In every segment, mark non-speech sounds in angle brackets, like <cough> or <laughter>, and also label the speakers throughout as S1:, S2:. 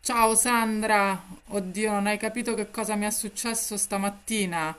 S1: Ciao Sandra, oddio, non hai capito che cosa mi è successo stamattina.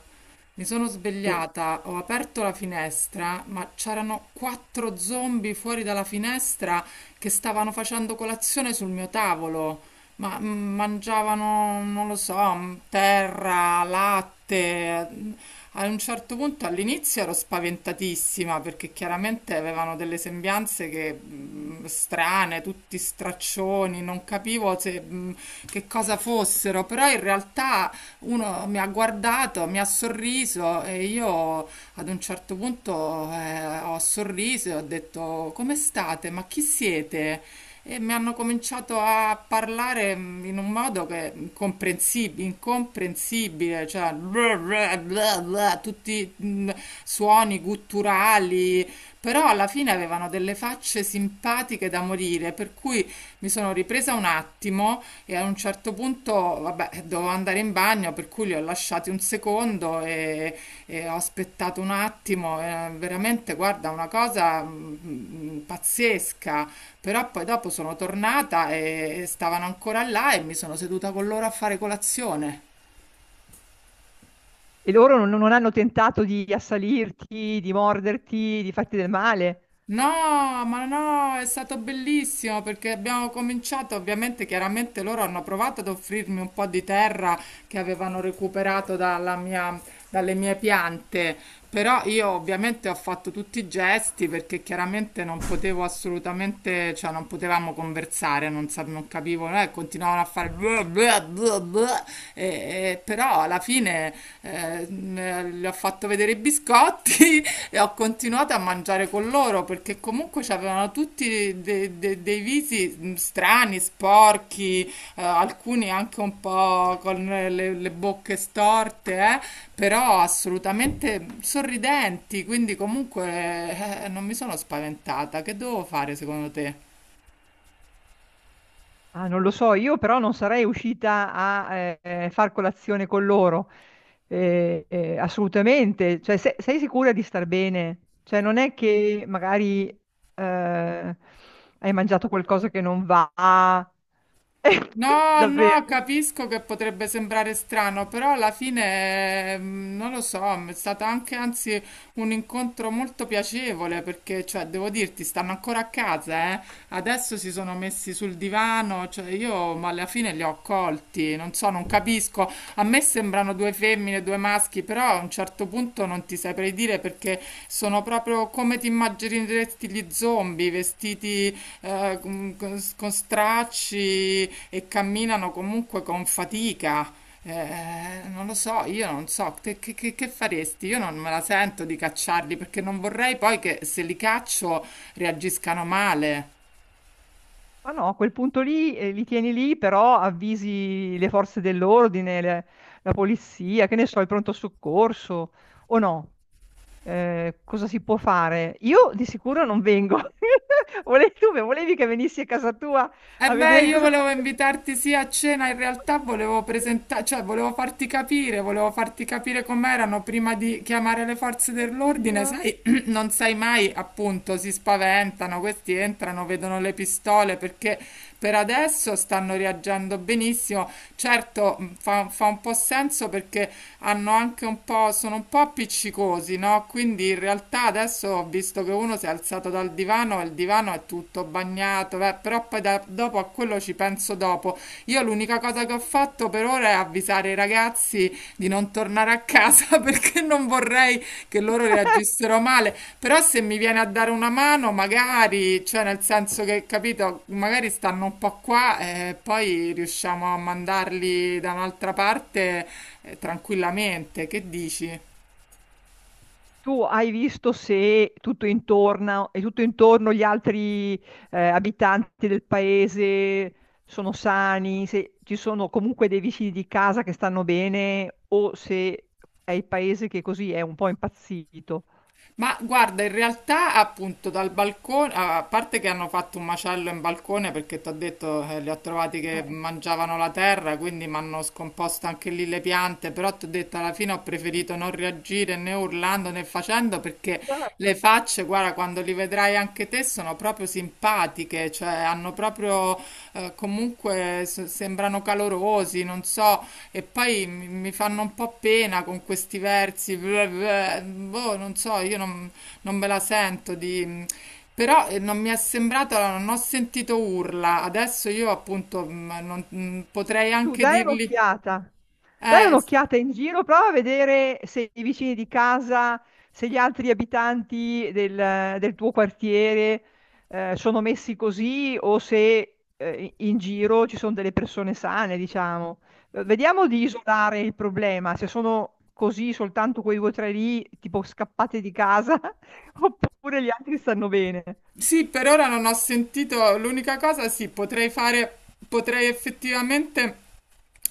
S1: Mi sono
S2: Beh,
S1: svegliata, ho aperto la finestra, ma c'erano quattro zombie fuori dalla finestra che stavano facendo colazione sul mio tavolo. Ma mangiavano, non lo so, terra, latte. A un certo punto all'inizio ero spaventatissima perché chiaramente avevano delle sembianze che strane, tutti straccioni, non capivo se, che cosa fossero, però in realtà uno mi ha guardato, mi ha sorriso e io ad un certo punto ho sorriso e ho detto come state? Ma chi siete? E mi hanno cominciato a parlare in un modo che incomprensibile, cioè bla bla bla bla, tutti suoni gutturali, però alla fine avevano delle facce simpatiche da morire, per cui mi sono ripresa un attimo e a un certo punto, vabbè, dovevo andare in bagno, per cui li ho lasciati un secondo e ho aspettato un attimo. Veramente, guarda, una cosa pazzesca. Però poi dopo sono tornata e stavano ancora là e mi sono seduta con loro a fare colazione.
S2: e loro non hanno tentato di assalirti, di morderti, di farti del male?
S1: No, ma no, è stato bellissimo perché abbiamo cominciato, ovviamente, chiaramente loro hanno provato ad offrirmi un po' di terra che avevano recuperato dalle mie piante, però io ovviamente ho fatto tutti i gesti perché chiaramente non potevo assolutamente, cioè non potevamo conversare, non capivo, continuavano a fare... bleh, bleh, bleh, bleh. E- però alla fine le ho fatto vedere i biscotti <laughs> e ho continuato a mangiare con loro perché comunque avevano tutti dei visi strani, sporchi, alcuni anche un po' con le bocche storte, però assolutamente sorridenti, quindi comunque non mi sono spaventata. Che devo fare secondo te?
S2: Ah, non lo so, io però non sarei uscita a far colazione con loro. Assolutamente. Cioè, sei sicura di star bene? Cioè, non è che magari eh, hai mangiato qualcosa che non va. <laughs>
S1: No, no,
S2: Davvero.
S1: capisco che potrebbe sembrare strano, però alla fine, non lo so, è stato anche anzi un incontro molto piacevole perché, cioè, devo dirti, stanno ancora a casa, eh. Adesso si sono messi sul divano, cioè io, ma alla fine li ho colti, non so, non capisco. A me sembrano due femmine, due maschi, però a un certo questo punto non ti saprei dire perché sono proprio come ti immagineresti gli zombie, vestiti con stracci e camminano comunque con fatica. Non lo so, io non so, che faresti? Io non me la sento di cacciarli perché non vorrei poi che se li caccio reagiscano male.
S2: Ma no, a quel punto lì li tieni lì, però avvisi le forze dell'ordine, la polizia, che ne so, il pronto soccorso o no. Cosa si può fare? Io di sicuro non vengo. <laughs> Volevi, volevi che venissi a casa tua
S1: E
S2: a
S1: beh,
S2: vedere
S1: io
S2: cosa
S1: volevo
S2: succede?
S1: invitarti sì a cena, in realtà volevo presentare, cioè volevo farti capire com'erano prima di chiamare le forze
S2: Mio
S1: dell'ordine,
S2: Dio.
S1: sai, <clears throat> non sai mai, appunto, si spaventano, questi entrano, vedono le pistole perché per adesso stanno reagendo benissimo. Certo, fa un po' senso perché hanno anche un po', sono un po' appiccicosi, no? Quindi in realtà adesso ho visto che uno si è alzato dal divano e il divano è tutto bagnato, beh, però poi dopo a quello ci penso dopo. Io l'unica cosa che ho fatto per ora è avvisare i ragazzi di non tornare a casa <laughs> perché non vorrei che loro reagissero male. Però se mi viene a dare una mano, magari, cioè nel senso che, capito, magari stanno un po' qua e poi riusciamo a mandarli da un'altra parte tranquillamente. Che dici?
S2: Tu hai visto se tutto intorno e tutto intorno gli altri abitanti del paese sono sani, se ci sono comunque dei vicini di casa che stanno bene o se è il paese che così è un po' impazzito.
S1: Ma guarda, in realtà appunto dal balcone, a parte che hanno fatto un macello in balcone perché ti ho detto li ho trovati che
S2: Eh,
S1: mangiavano la terra, quindi mi hanno scomposto anche lì le piante, però ti ho detto alla fine ho preferito non reagire né urlando né facendo perché le
S2: certo.
S1: facce, guarda, quando li vedrai anche te sono proprio simpatiche, cioè hanno proprio comunque sembrano calorosi, non so, e poi mi fanno un po' pena con questi versi, bleh, bleh, boh, non so, io non, non me la sento di... Però non mi è sembrato, non ho sentito urla. Adesso io appunto potrei
S2: Tu
S1: anche dirgli,
S2: dai
S1: eh,
S2: un'occhiata in giro, prova a vedere se i vicini di casa, se gli altri abitanti del tuo quartiere sono messi così o se in giro ci sono delle persone sane, diciamo. Vediamo di isolare il problema, se sono così soltanto quei due o tre lì, tipo scappate di casa, <laughs> oppure gli altri stanno bene.
S1: Sì, per ora non ho sentito l'unica cosa, sì, potrei fare, potrei effettivamente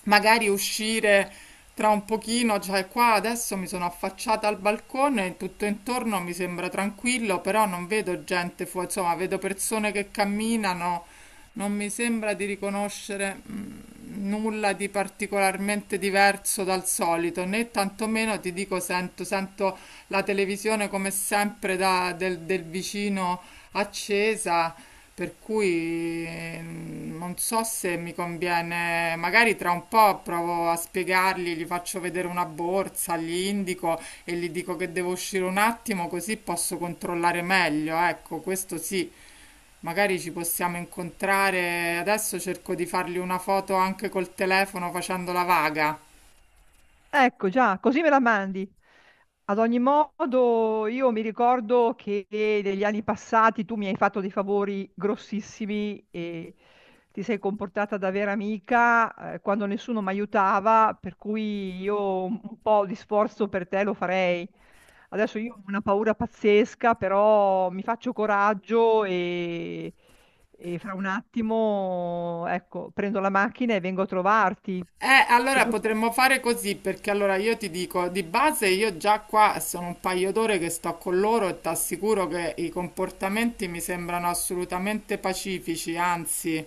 S1: magari uscire tra un pochino, cioè qua adesso mi sono affacciata al balcone, tutto intorno mi sembra tranquillo, però non vedo gente fuori, insomma, vedo persone che camminano, non mi sembra di riconoscere nulla di particolarmente diverso dal solito, né tantomeno ti dico sento la televisione come sempre del vicino accesa, per cui non so se mi conviene, magari tra un po' provo a spiegargli, gli faccio vedere una borsa, gli indico e gli dico che devo uscire un attimo così posso controllare meglio, ecco, questo sì. Magari ci possiamo incontrare. Adesso cerco di fargli una foto anche col telefono facendo la vaga.
S2: Ecco già, così me la mandi. Ad ogni modo, io mi ricordo che negli anni passati tu mi hai fatto dei favori grossissimi e ti sei comportata da vera amica, quando nessuno mi aiutava, per cui io un po' di sforzo per te lo farei. Adesso io ho una paura pazzesca, però mi faccio coraggio e fra un attimo, ecco, prendo la macchina e vengo a trovarti. Se
S1: Allora
S2: tu-
S1: potremmo fare così perché allora io ti dico di base io già qua sono un paio d'ore che sto con loro e ti assicuro che i comportamenti mi sembrano assolutamente pacifici, anzi,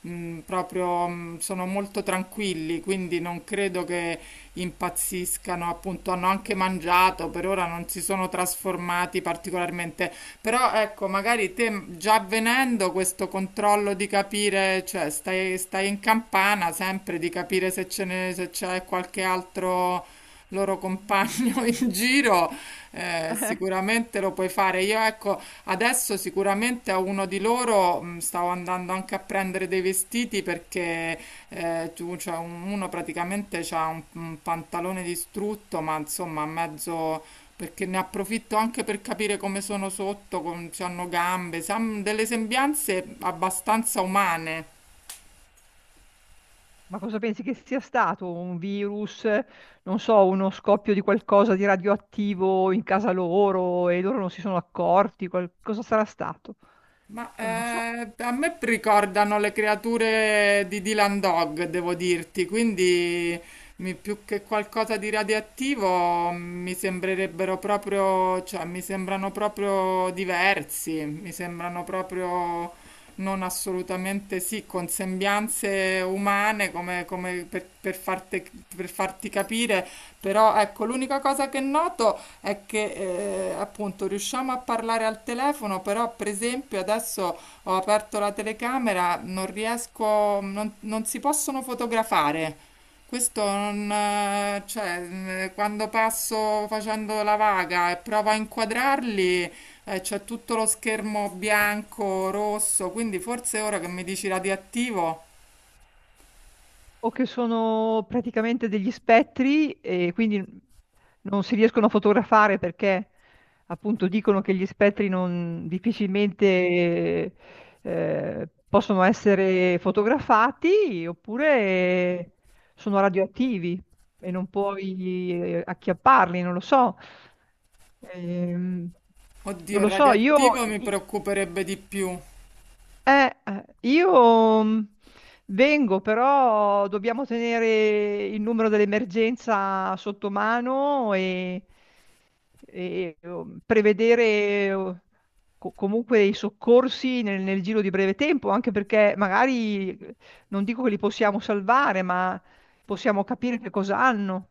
S1: proprio sono molto tranquilli, quindi non credo che impazziscano, appunto hanno anche mangiato, per ora non si sono trasformati particolarmente. Però ecco, magari te già venendo questo controllo di capire, cioè stai in campana sempre di capire se se c'è qualche altro loro compagno <laughs> in giro sicuramente lo puoi fare. Io ecco, adesso sicuramente a uno di loro stavo andando anche a prendere dei vestiti perché tu, cioè, uno praticamente ha un pantalone distrutto, ma insomma a mezzo... Perché ne approfitto anche per capire come sono sotto, come hanno gambe, se han delle sembianze abbastanza umane.
S2: Ma cosa pensi che sia stato? Un virus, non so, uno scoppio di qualcosa di radioattivo in casa loro e loro non si sono accorti? Cosa sarà stato?
S1: Ma
S2: Non lo so.
S1: a me ricordano le creature di Dylan Dog, devo dirti, quindi più che qualcosa di radioattivo mi sembrerebbero proprio, cioè mi sembrano proprio diversi, mi sembrano proprio non assolutamente sì, con sembianze umane come per farti, capire, però ecco, l'unica cosa che noto è che appunto riusciamo a parlare al telefono, però per esempio adesso ho aperto la telecamera, non riesco, non si possono fotografare. Questo non, quando passo facendo la vaga e provo a inquadrarli, c'è tutto lo schermo bianco, rosso, quindi forse ora che mi dici radioattivo,
S2: O che sono praticamente degli spettri e quindi non si riescono a fotografare perché appunto dicono che gli spettri non difficilmente possono essere fotografati, oppure sono radioattivi e non puoi acchiapparli, non lo so. Ehm,
S1: oddio,
S2: non
S1: il
S2: lo so,
S1: radioattivo mi preoccuperebbe di più.
S2: io vengo, però dobbiamo tenere il numero dell'emergenza sotto mano e, prevedere comunque i soccorsi nel giro di breve tempo, anche perché magari non dico che li possiamo salvare, ma possiamo capire che cosa hanno.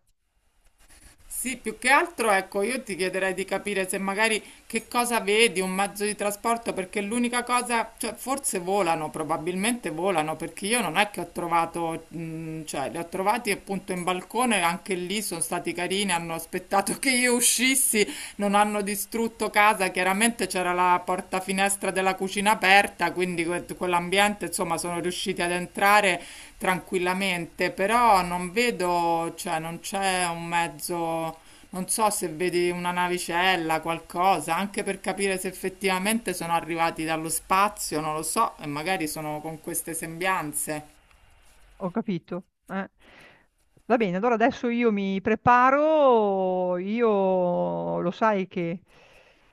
S1: Sì, più che altro, ecco, io ti chiederei di capire se magari che cosa vedi, un mezzo di trasporto, perché l'unica cosa, cioè forse volano, probabilmente volano, perché io non è che ho trovato, cioè li ho trovati appunto in balcone, anche lì sono stati carini, hanno aspettato <laughs> che io uscissi. Non hanno distrutto casa, chiaramente c'era la porta finestra della cucina aperta, quindi quell'ambiente, insomma, sono riusciti ad entrare tranquillamente, però non vedo, cioè non c'è un mezzo, non so se vedi una navicella, qualcosa, anche per capire se effettivamente sono arrivati dallo spazio, non lo so, e magari sono con queste sembianze.
S2: Ho capito. Eh. Va bene, allora adesso io mi preparo, io lo sai che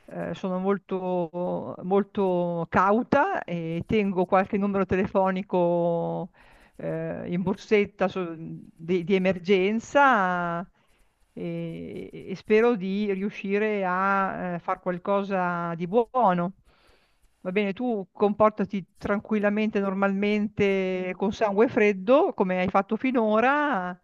S2: sono molto, molto cauta e tengo qualche numero telefonico in borsetta di emergenza e spero di riuscire a far qualcosa di buono. Va bene, tu comportati tranquillamente, normalmente, con sangue freddo, come hai fatto finora.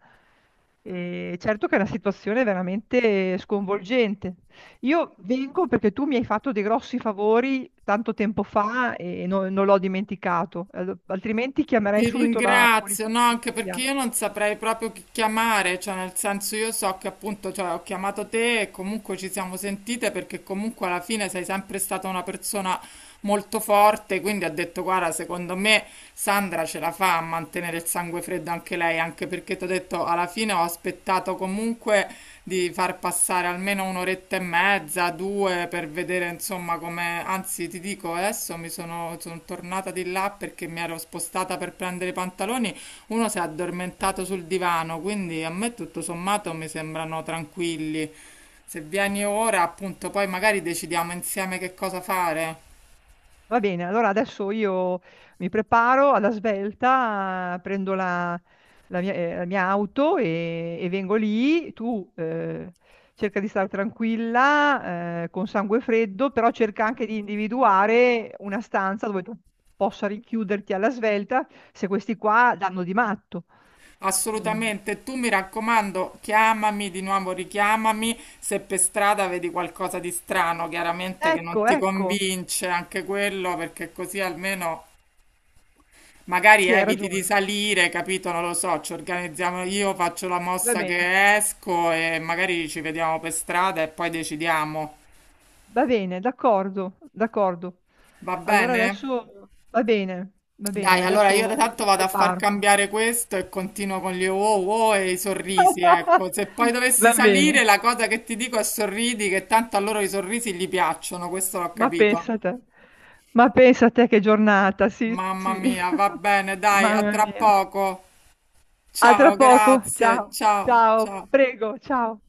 S2: E certo che è una situazione veramente sconvolgente. Io vengo perché tu mi hai fatto dei grossi favori tanto tempo fa e non l'ho dimenticato, altrimenti chiamerei
S1: Ti
S2: subito la
S1: ringrazio, no, anche perché
S2: polizia.
S1: io non saprei proprio chi chiamare, cioè nel senso io so che appunto cioè, ho chiamato te e comunque ci siamo sentite perché comunque alla fine sei sempre stata una persona molto forte, quindi ha detto guarda, secondo me Sandra ce la fa a mantenere il sangue freddo anche lei, anche perché ti ho detto alla fine ho aspettato comunque di far passare almeno un'oretta e mezza, due per vedere insomma come, anzi ti dico adesso sono tornata di là perché mi ero spostata per prendere i pantaloni, uno si è addormentato sul divano, quindi a me tutto sommato mi sembrano tranquilli. Se vieni ora, appunto, poi magari decidiamo insieme che cosa fare.
S2: Va bene, allora adesso io mi preparo alla svelta, prendo la mia auto e vengo lì. Tu cerca di stare tranquilla, con sangue freddo, però cerca anche di individuare una stanza dove tu possa rinchiuderti alla svelta se questi qua danno di matto. Quindi-
S1: Assolutamente, tu mi raccomando, chiamami di nuovo, richiamami se per strada vedi qualcosa di strano, chiaramente che non
S2: Ecco,
S1: ti
S2: ecco,
S1: convince anche quello, perché così almeno magari
S2: sì, hai
S1: eviti di
S2: ragione.
S1: salire, capito? Non lo so, ci organizziamo io, faccio la
S2: Va
S1: mossa
S2: bene.
S1: che esco e magari ci vediamo per strada e poi decidiamo.
S2: Va bene, d'accordo, d'accordo.
S1: Va
S2: Allora
S1: bene?
S2: adesso va bene,
S1: Dai, allora io
S2: adesso
S1: tanto
S2: mi
S1: vado a far
S2: preparo.
S1: cambiare questo e continuo con gli wow wow e i sorrisi, ecco. Se poi
S2: <laughs>
S1: dovessi
S2: Va bene,
S1: salire, la cosa che ti dico è sorridi, che tanto a loro i sorrisi gli piacciono, questo l'ho
S2: ma
S1: capito.
S2: pensa a te, ma pensa a te che giornata, sì,
S1: Mamma
S2: sì.
S1: mia, va
S2: <laughs>
S1: bene, dai, a
S2: Mamma
S1: tra
S2: mia.
S1: poco.
S2: A tra
S1: Ciao,
S2: poco,
S1: grazie,
S2: ciao,
S1: ciao,
S2: ciao,
S1: ciao.
S2: prego, ciao.